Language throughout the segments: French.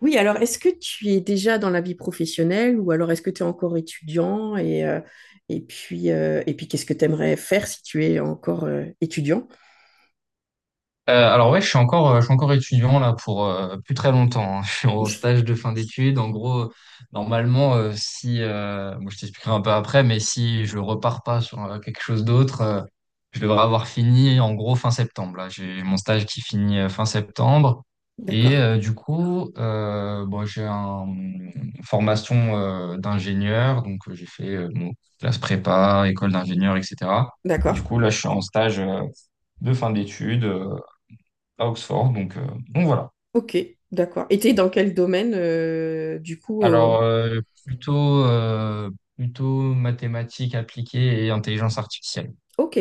Oui, alors est-ce que tu es déjà dans la vie professionnelle ou alors est-ce que tu es encore étudiant et, et puis qu'est-ce que tu aimerais faire si tu es encore étudiant? Alors ouais, je suis encore étudiant là pour plus très longtemps, hein. Je suis au stage de fin d'études. En gros, normalement, si, bon, je t'expliquerai un peu après, mais si je repars pas sur quelque chose d'autre, je devrais avoir fini en gros fin septembre. Là, j'ai mon stage qui finit fin septembre. D'accord, Du coup, bon, j'ai une formation d'ingénieur, donc j'ai fait bon, classe prépa, école d'ingénieur, etc. Du d'accord, coup, là, je suis en stage de fin d'études, à Oxford. Donc, voilà. ok, d'accord. Et tu es dans quel domaine du coup? Alors, plutôt mathématiques appliquées et intelligence artificielle. Ok,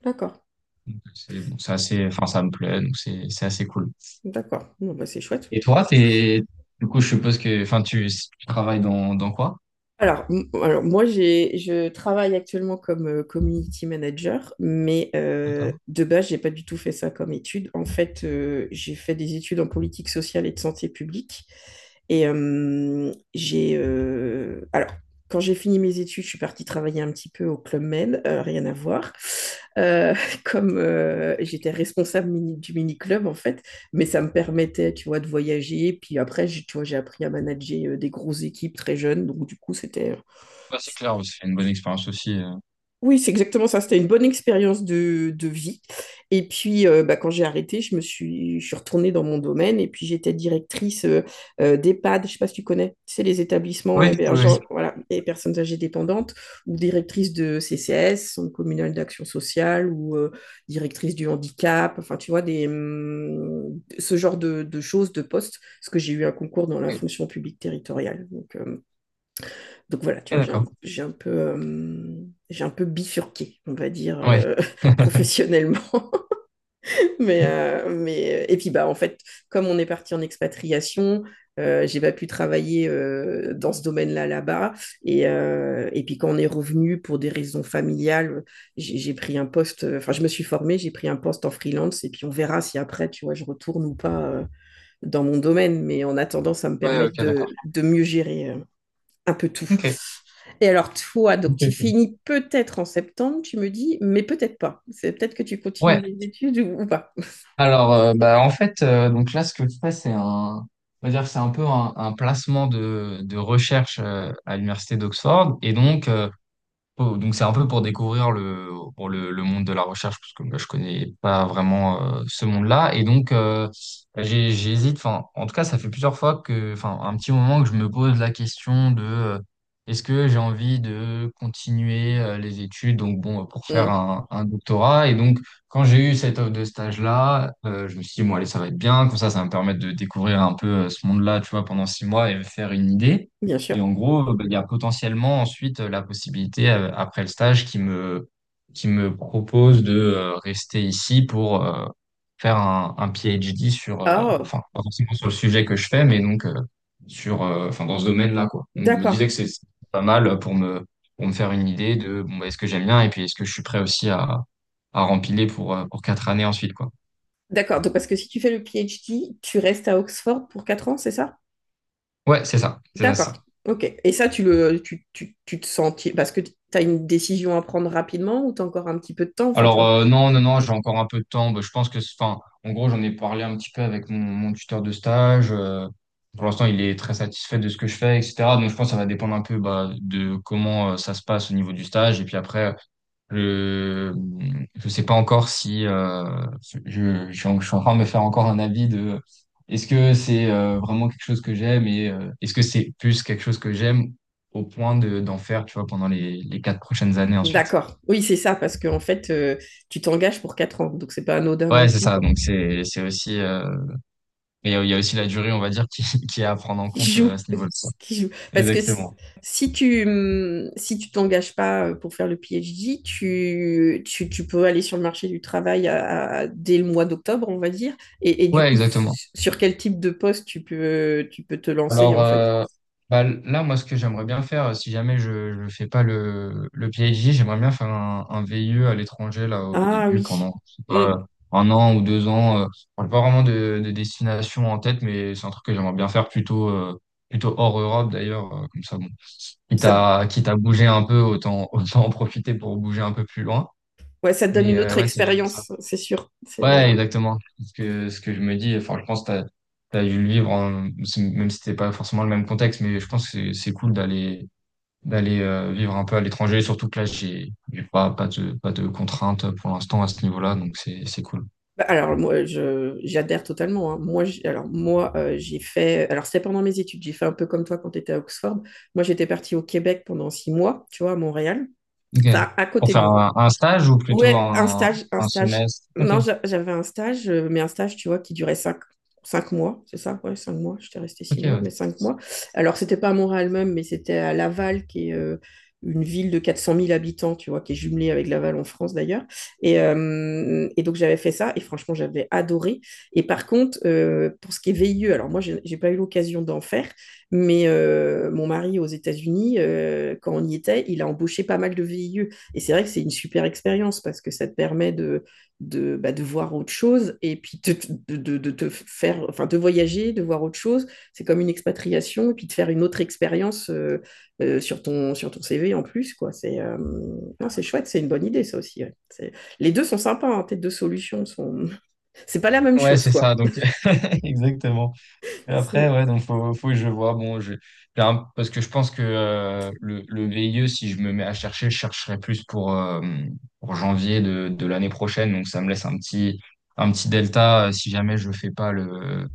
d'accord, Donc, c'est bon, c'est assez, enfin, ça me plaît, donc c'est assez cool. d'accord. Bon, bah, c'est chouette. Et toi, t'es, du coup, je suppose que, enfin, tu travailles dans quoi? Alors, moi, je travaille actuellement comme community manager, mais D'accord. de base, j'ai pas du tout fait ça comme étude. En fait, j'ai fait des études en politique sociale et de santé publique. Alors, quand j'ai fini mes études, je suis partie travailler un petit peu au Club Med, rien à voir. Euh, comme j'étais responsable du mini-club, en fait mais ça me permettait, tu vois, de voyager. Puis après, tu vois, j'ai appris à manager des grosses équipes très jeunes. Donc, du coup, c'était. Bah, c'est clair, c'est une bonne expérience aussi. Oui, c'est exactement ça. C'était une bonne expérience de vie. Et puis, bah, quand j'ai arrêté, je suis retournée dans mon domaine et puis j'étais directrice d'EHPAD. Je ne sais pas si tu connais, c'est les établissements Oui, oui, oui. hébergeants, voilà, et personnes âgées dépendantes, ou directrice de CCS, Centre communal d'action sociale, ou directrice du handicap. Enfin, tu vois, des, ce genre de choses, de postes, parce que j'ai eu un concours dans la Ok, fonction publique territoriale. Donc voilà, tu vois, d'accord. J'ai un peu bifurqué, on va dire, Ouais. Professionnellement. mais, et puis, bah, en fait, comme on est parti en expatriation, j'ai pas pu travailler dans ce domaine-là là-bas. Et puis quand on est revenu pour des raisons familiales, j'ai pris un poste, enfin je me suis formée, j'ai pris un poste en freelance et puis on verra si après, tu vois, je retourne ou pas dans mon domaine. Mais en attendant, ça me Ouais, permet ok, d'accord. de mieux gérer un peu tout. Ok. Et alors, toi, donc Ok, tu ok. finis peut-être en septembre, tu me dis, mais peut-être pas. C'est peut-être que tu continues Ouais, les études ou pas. alors, bah, en fait, donc là, ce que je fais, on va dire, que c'est un peu un placement de recherche, à l'université d'Oxford. Et donc, oh, donc c'est un peu pour le monde de la recherche, parce que moi je connais pas vraiment ce monde-là. Et donc bah, j'hésite, enfin, en tout cas ça fait plusieurs fois que, enfin un petit moment que je me pose la question de est-ce que j'ai envie de continuer les études, donc bon, pour faire Mm, un doctorat. Et donc quand j'ai eu cette offre de stage-là, je me suis dit, bon allez, ça va être bien, comme ça ça va me permettre de découvrir un peu ce monde-là, tu vois, pendant 6 mois et me faire une idée. bien sûr. Et en gros, bah, il y a potentiellement ensuite la possibilité, après le stage, qui me propose de rester ici pour faire un PhD sur, Ah, enfin, pas forcément sur le sujet que je fais, mais donc sur, enfin, dans ce domaine-là, quoi. Donc, je me disais d'accord. que c'est pas mal pour me faire une idée de, bon, bah, est-ce que j'aime bien et puis est-ce que je suis prêt aussi à rempiler pour 4 années ensuite, quoi. D'accord. Donc, parce que si tu fais le PhD, tu restes à Oxford pour 4 ans, c'est ça? Ouais, c'est ça, c'est ça, c'est D'accord. ça. Ok. Et ça, tu te sens, parce que tu as une décision à prendre rapidement ou tu as encore un petit peu de temps, enfin, tu Alors vois. euh, non, non, non, j'ai encore un peu de temps. Bah, je pense que, enfin, en gros, j'en ai parlé un petit peu avec mon tuteur de stage. Pour l'instant, il est très satisfait de ce que je fais, etc. Donc, je pense que ça va dépendre un peu, bah, de comment ça se passe au niveau du stage. Et puis après, je je sais pas encore si je suis en train de me faire encore un avis de est-ce que c'est vraiment quelque chose que j'aime et est-ce que c'est plus quelque chose que j'aime au point de d'en faire, tu vois, pendant les 4 prochaines années ensuite. D'accord. Oui, c'est ça, parce qu'en fait, tu t'engages pour 4 ans, donc c'est pas anodin non Ouais, c'est plus, ça. quoi. Donc c'est aussi, mais il y a aussi la durée, on va dire, qui qui est à prendre en Qui compte joue? euh, à ce niveau-là. Qui joue? Parce que si Exactement. si tu hum, si tu t'engages pas pour faire le PhD, tu peux aller sur le marché du travail dès le mois d'octobre, on va dire. Et du Ouais, coup, exactement. Sur quel type de poste tu peux te lancer, Alors en fait? euh, bah, là, moi, ce que j'aimerais bien faire, si jamais je fais pas le PhD, j'aimerais bien faire un VIE à l'étranger là au Ah début oui. pendant je sais pas, Hum, euh, un an ou 2 ans. J'ai pas vraiment de destination en tête, mais c'est un truc que j'aimerais bien faire plutôt hors Europe d'ailleurs, comme ça bon. Quitte ça, à quitte à bouger un peu, autant autant en profiter pour bouger un peu plus loin. ouais, ça te donne Mais une euh, autre ouais, c'est ça. expérience, c'est sûr. Ouais, exactement. Ce que je me dis, enfin, je pense que t'as dû le vivre, même si c'était pas forcément le même contexte, mais je pense que c'est cool d'aller vivre un peu à l'étranger, surtout que là, j'ai pas de contraintes pour l'instant à ce niveau-là, donc c'est cool. Bah, alors moi, je j'adhère totalement. Hein. Moi, alors moi, j'ai fait. Alors c'était pendant mes études. J'ai fait un peu comme toi quand tu étais à Oxford. Moi, j'étais partie au Québec pendant 6 mois, tu vois, à Montréal. Ok. Enfin, à Pour côté de faire Montréal. un stage ou plutôt Ouais, un un, stage, un un stage. semestre? Ok, Non, j'avais un stage, mais un stage, tu vois, qui durait cinq mois, c'est ça? Ouais, 5 mois. J'étais restée six ok, mois, ouais. mais 5 mois. Alors, c'était pas à Montréal même, mais c'était à Laval, qui est une ville de 400 000 habitants, tu vois, qui est jumelée avec Laval en France d'ailleurs. Et donc, j'avais fait ça, et franchement, j'avais adoré. Et par contre, pour ce qui est VIE, alors moi, j'ai pas eu l'occasion d'en faire, mais mon mari aux États-Unis, quand on y était, il a embauché pas mal de VIE. Et c'est vrai que c'est une super expérience parce que ça te permet de, bah, de voir autre chose et puis te faire, enfin, de voyager, de voir autre chose. C'est comme une expatriation et puis de faire une autre expérience sur ton CV en plus. Quoi. Non, c'est chouette, c'est une bonne idée ça aussi. Ouais. Les deux sont sympas, hein, tes deux solutions sont. C'est pas la même Ouais, chose, c'est ça, quoi. donc exactement. Et après, C'est... ouais, donc faut que je vois. Bon, parce que je pense que le VIE, si je me mets à chercher, je chercherai plus pour janvier de l'année prochaine. Donc ça me laisse un petit delta, si jamais je fais pas le,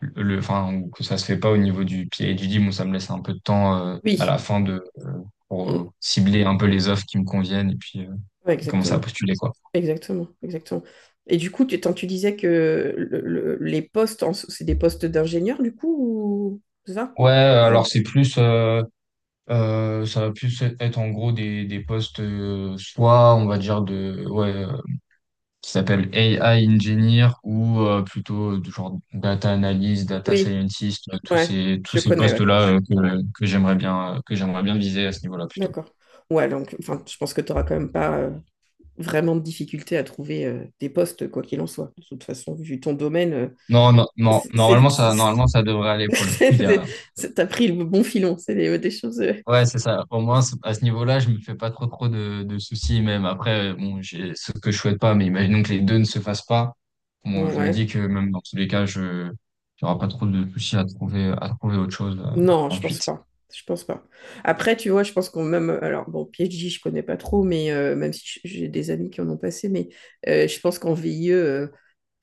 le, enfin, ou que ça se fait pas au niveau du PhD. Bon, ça me laisse un peu de temps à Oui, la fin de, pour mm. cibler un peu les offres qui me conviennent et puis Ouais, et commencer à exactement. postuler, quoi. Exactement, exactement. Et du coup, tant tu disais que les postes, so, c'est des postes d'ingénieur, du coup, ou... c'est ça? Ouais, Ouais. alors c'est plus. Ça va plus être en gros des postes, soit on va dire de, ouais, qui s'appelle AI engineer ou plutôt du genre data analyst, data Oui, scientist, tous ouais, ces, tous je ces connais, ouais. postes-là, que j'aimerais bien, que j'aimerais bien viser à ce niveau-là plutôt. D'accord. Ouais, donc, enfin, je pense que tu n'auras quand même pas vraiment de difficulté à trouver des postes, quoi qu'il en soit. De toute façon, vu ton domaine, Non, non, non, c'est, c'est- normalement ça devrait aller pour le coup. Il y c'est- a. c'est- t'as pris le bon filon. C'est des choses. Ouais, c'est ça. Au moins, à ce niveau-là, je me fais pas trop trop de soucis. Même après, bon, j'ai ce que je souhaite pas, mais imaginons que les deux ne se fassent pas. Bon, je me Ouais, dis que même dans tous les cas, je j'aurai pas trop de soucis à trouver autre chose non, je pense ensuite. pas. Je pense pas. Après, tu vois, je pense qu'on même. Alors, bon, PhD, je connais pas trop, mais même si j'ai des amis qui en ont passé, mais je pense qu'en VIE,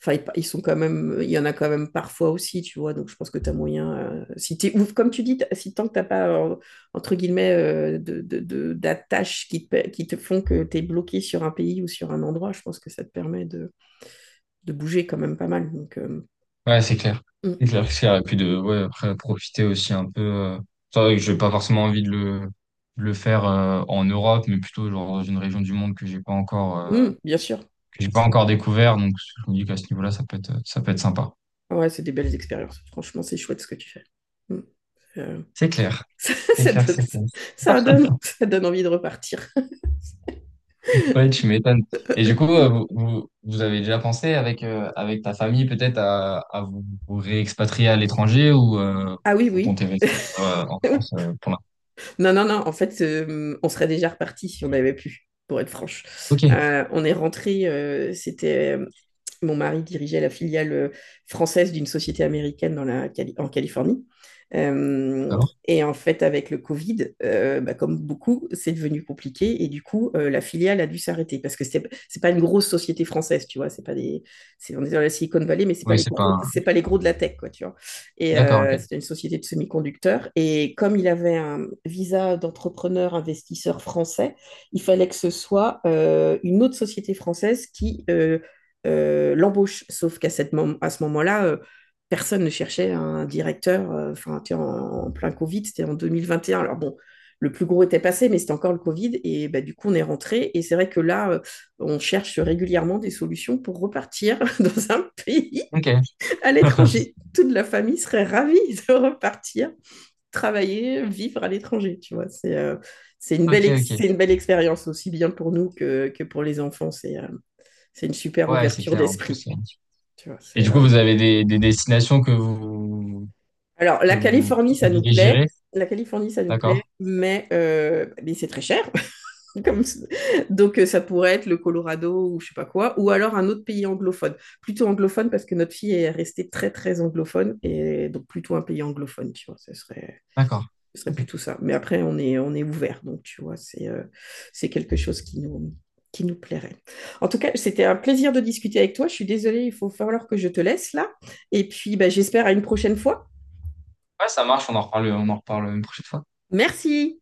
enfin, ils sont quand même. Il y en a quand même parfois aussi, tu vois. Donc, je pense que tu as moyen. Si t'es, ou comme tu dis, si tant que t'as pas, entre guillemets, de, d'attaches qui te font que tu es bloqué sur un pays ou sur un endroit, je pense que ça te permet de bouger quand même pas mal. Donc, Ouais, c'est clair. C'est clair, c'est clair. Et puis de ouais, après profiter aussi un peu. C'est vrai que j'ai pas forcément envie de le faire en Europe, mais plutôt genre dans une région du monde mm, mm, bien sûr. que j'ai pas encore découvert. Donc je me dis qu'à ce niveau-là, ça peut être sympa. Ouais, c'est des belles expériences. Franchement, c'est chouette ce que tu fais. Mm. Euh, C'est clair. ça, C'est ça clair, donne, c'est clair. ça, donne, ça donne envie de repartir. Ouais, tu m'étonnes. Et du coup, vous avez déjà pensé avec ta famille peut-être à vous réexpatrier à l'étranger ou Ah oui, vous oui. comptez rester en France, pour l'instant? Non, non, non. En fait, on serait déjà reparti si on avait pu, pour être franche. Ok, On est rentré, c'était mon mari dirigeait la filiale française d'une société américaine dans la, en Californie. Euh, d'accord. et en fait, avec le Covid, bah, comme beaucoup, c'est devenu compliqué. Et du coup, la filiale a dû s'arrêter parce que c'est pas une grosse société française, tu vois. C'est pas des, c'est, On est dans la Silicon Valley, mais c'est pas Oui, les c'est pas... gros, c'est pas les gros de la tech, quoi, tu vois. Et D'accord, ok. c'était une société de semi-conducteurs. Et comme il avait un visa d'entrepreneur investisseur français, il fallait que ce soit une autre société française qui l'embauche. Sauf qu'à à ce moment-là, personne ne cherchait un directeur. Enfin, tu sais, en plein Covid, c'était en 2021. Alors bon, le plus gros était passé, mais c'était encore le Covid. Et bah, du coup, on est rentré. Et c'est vrai que là, on cherche régulièrement des solutions pour repartir dans un pays Ok. à l'étranger. Toute la famille serait ravie de repartir, travailler, vivre à l'étranger. Tu vois, c'est euh, c'est une Ok, belle ok. ex- c'est une belle expérience aussi bien pour nous que pour les enfants. C'est une super Ouais, c'est ouverture clair en plus. d'esprit. euh. Tu vois, Et du coup, vous avez des destinations Alors, que la vous Californie, ça nous plaît. privilégierez? La Californie, ça nous plaît, D'accord, mais c'est très cher. Comme... Donc, ça pourrait être le Colorado ou je sais pas quoi, ou alors un autre pays anglophone. Plutôt anglophone parce que notre fille est restée très, très anglophone, et donc plutôt un pays anglophone, tu vois, ce serait, d'accord. ce serait Ok. plutôt ça. Mais après, on est ouvert, donc tu vois, c'est quelque chose qui nous plairait. En tout cas, c'était un plaisir de discuter avec toi. Je suis désolée, il faut falloir que je te laisse là. Et puis, bah, j'espère à une prochaine fois. Ouais, ça marche, on en reparle une prochaine fois. Merci.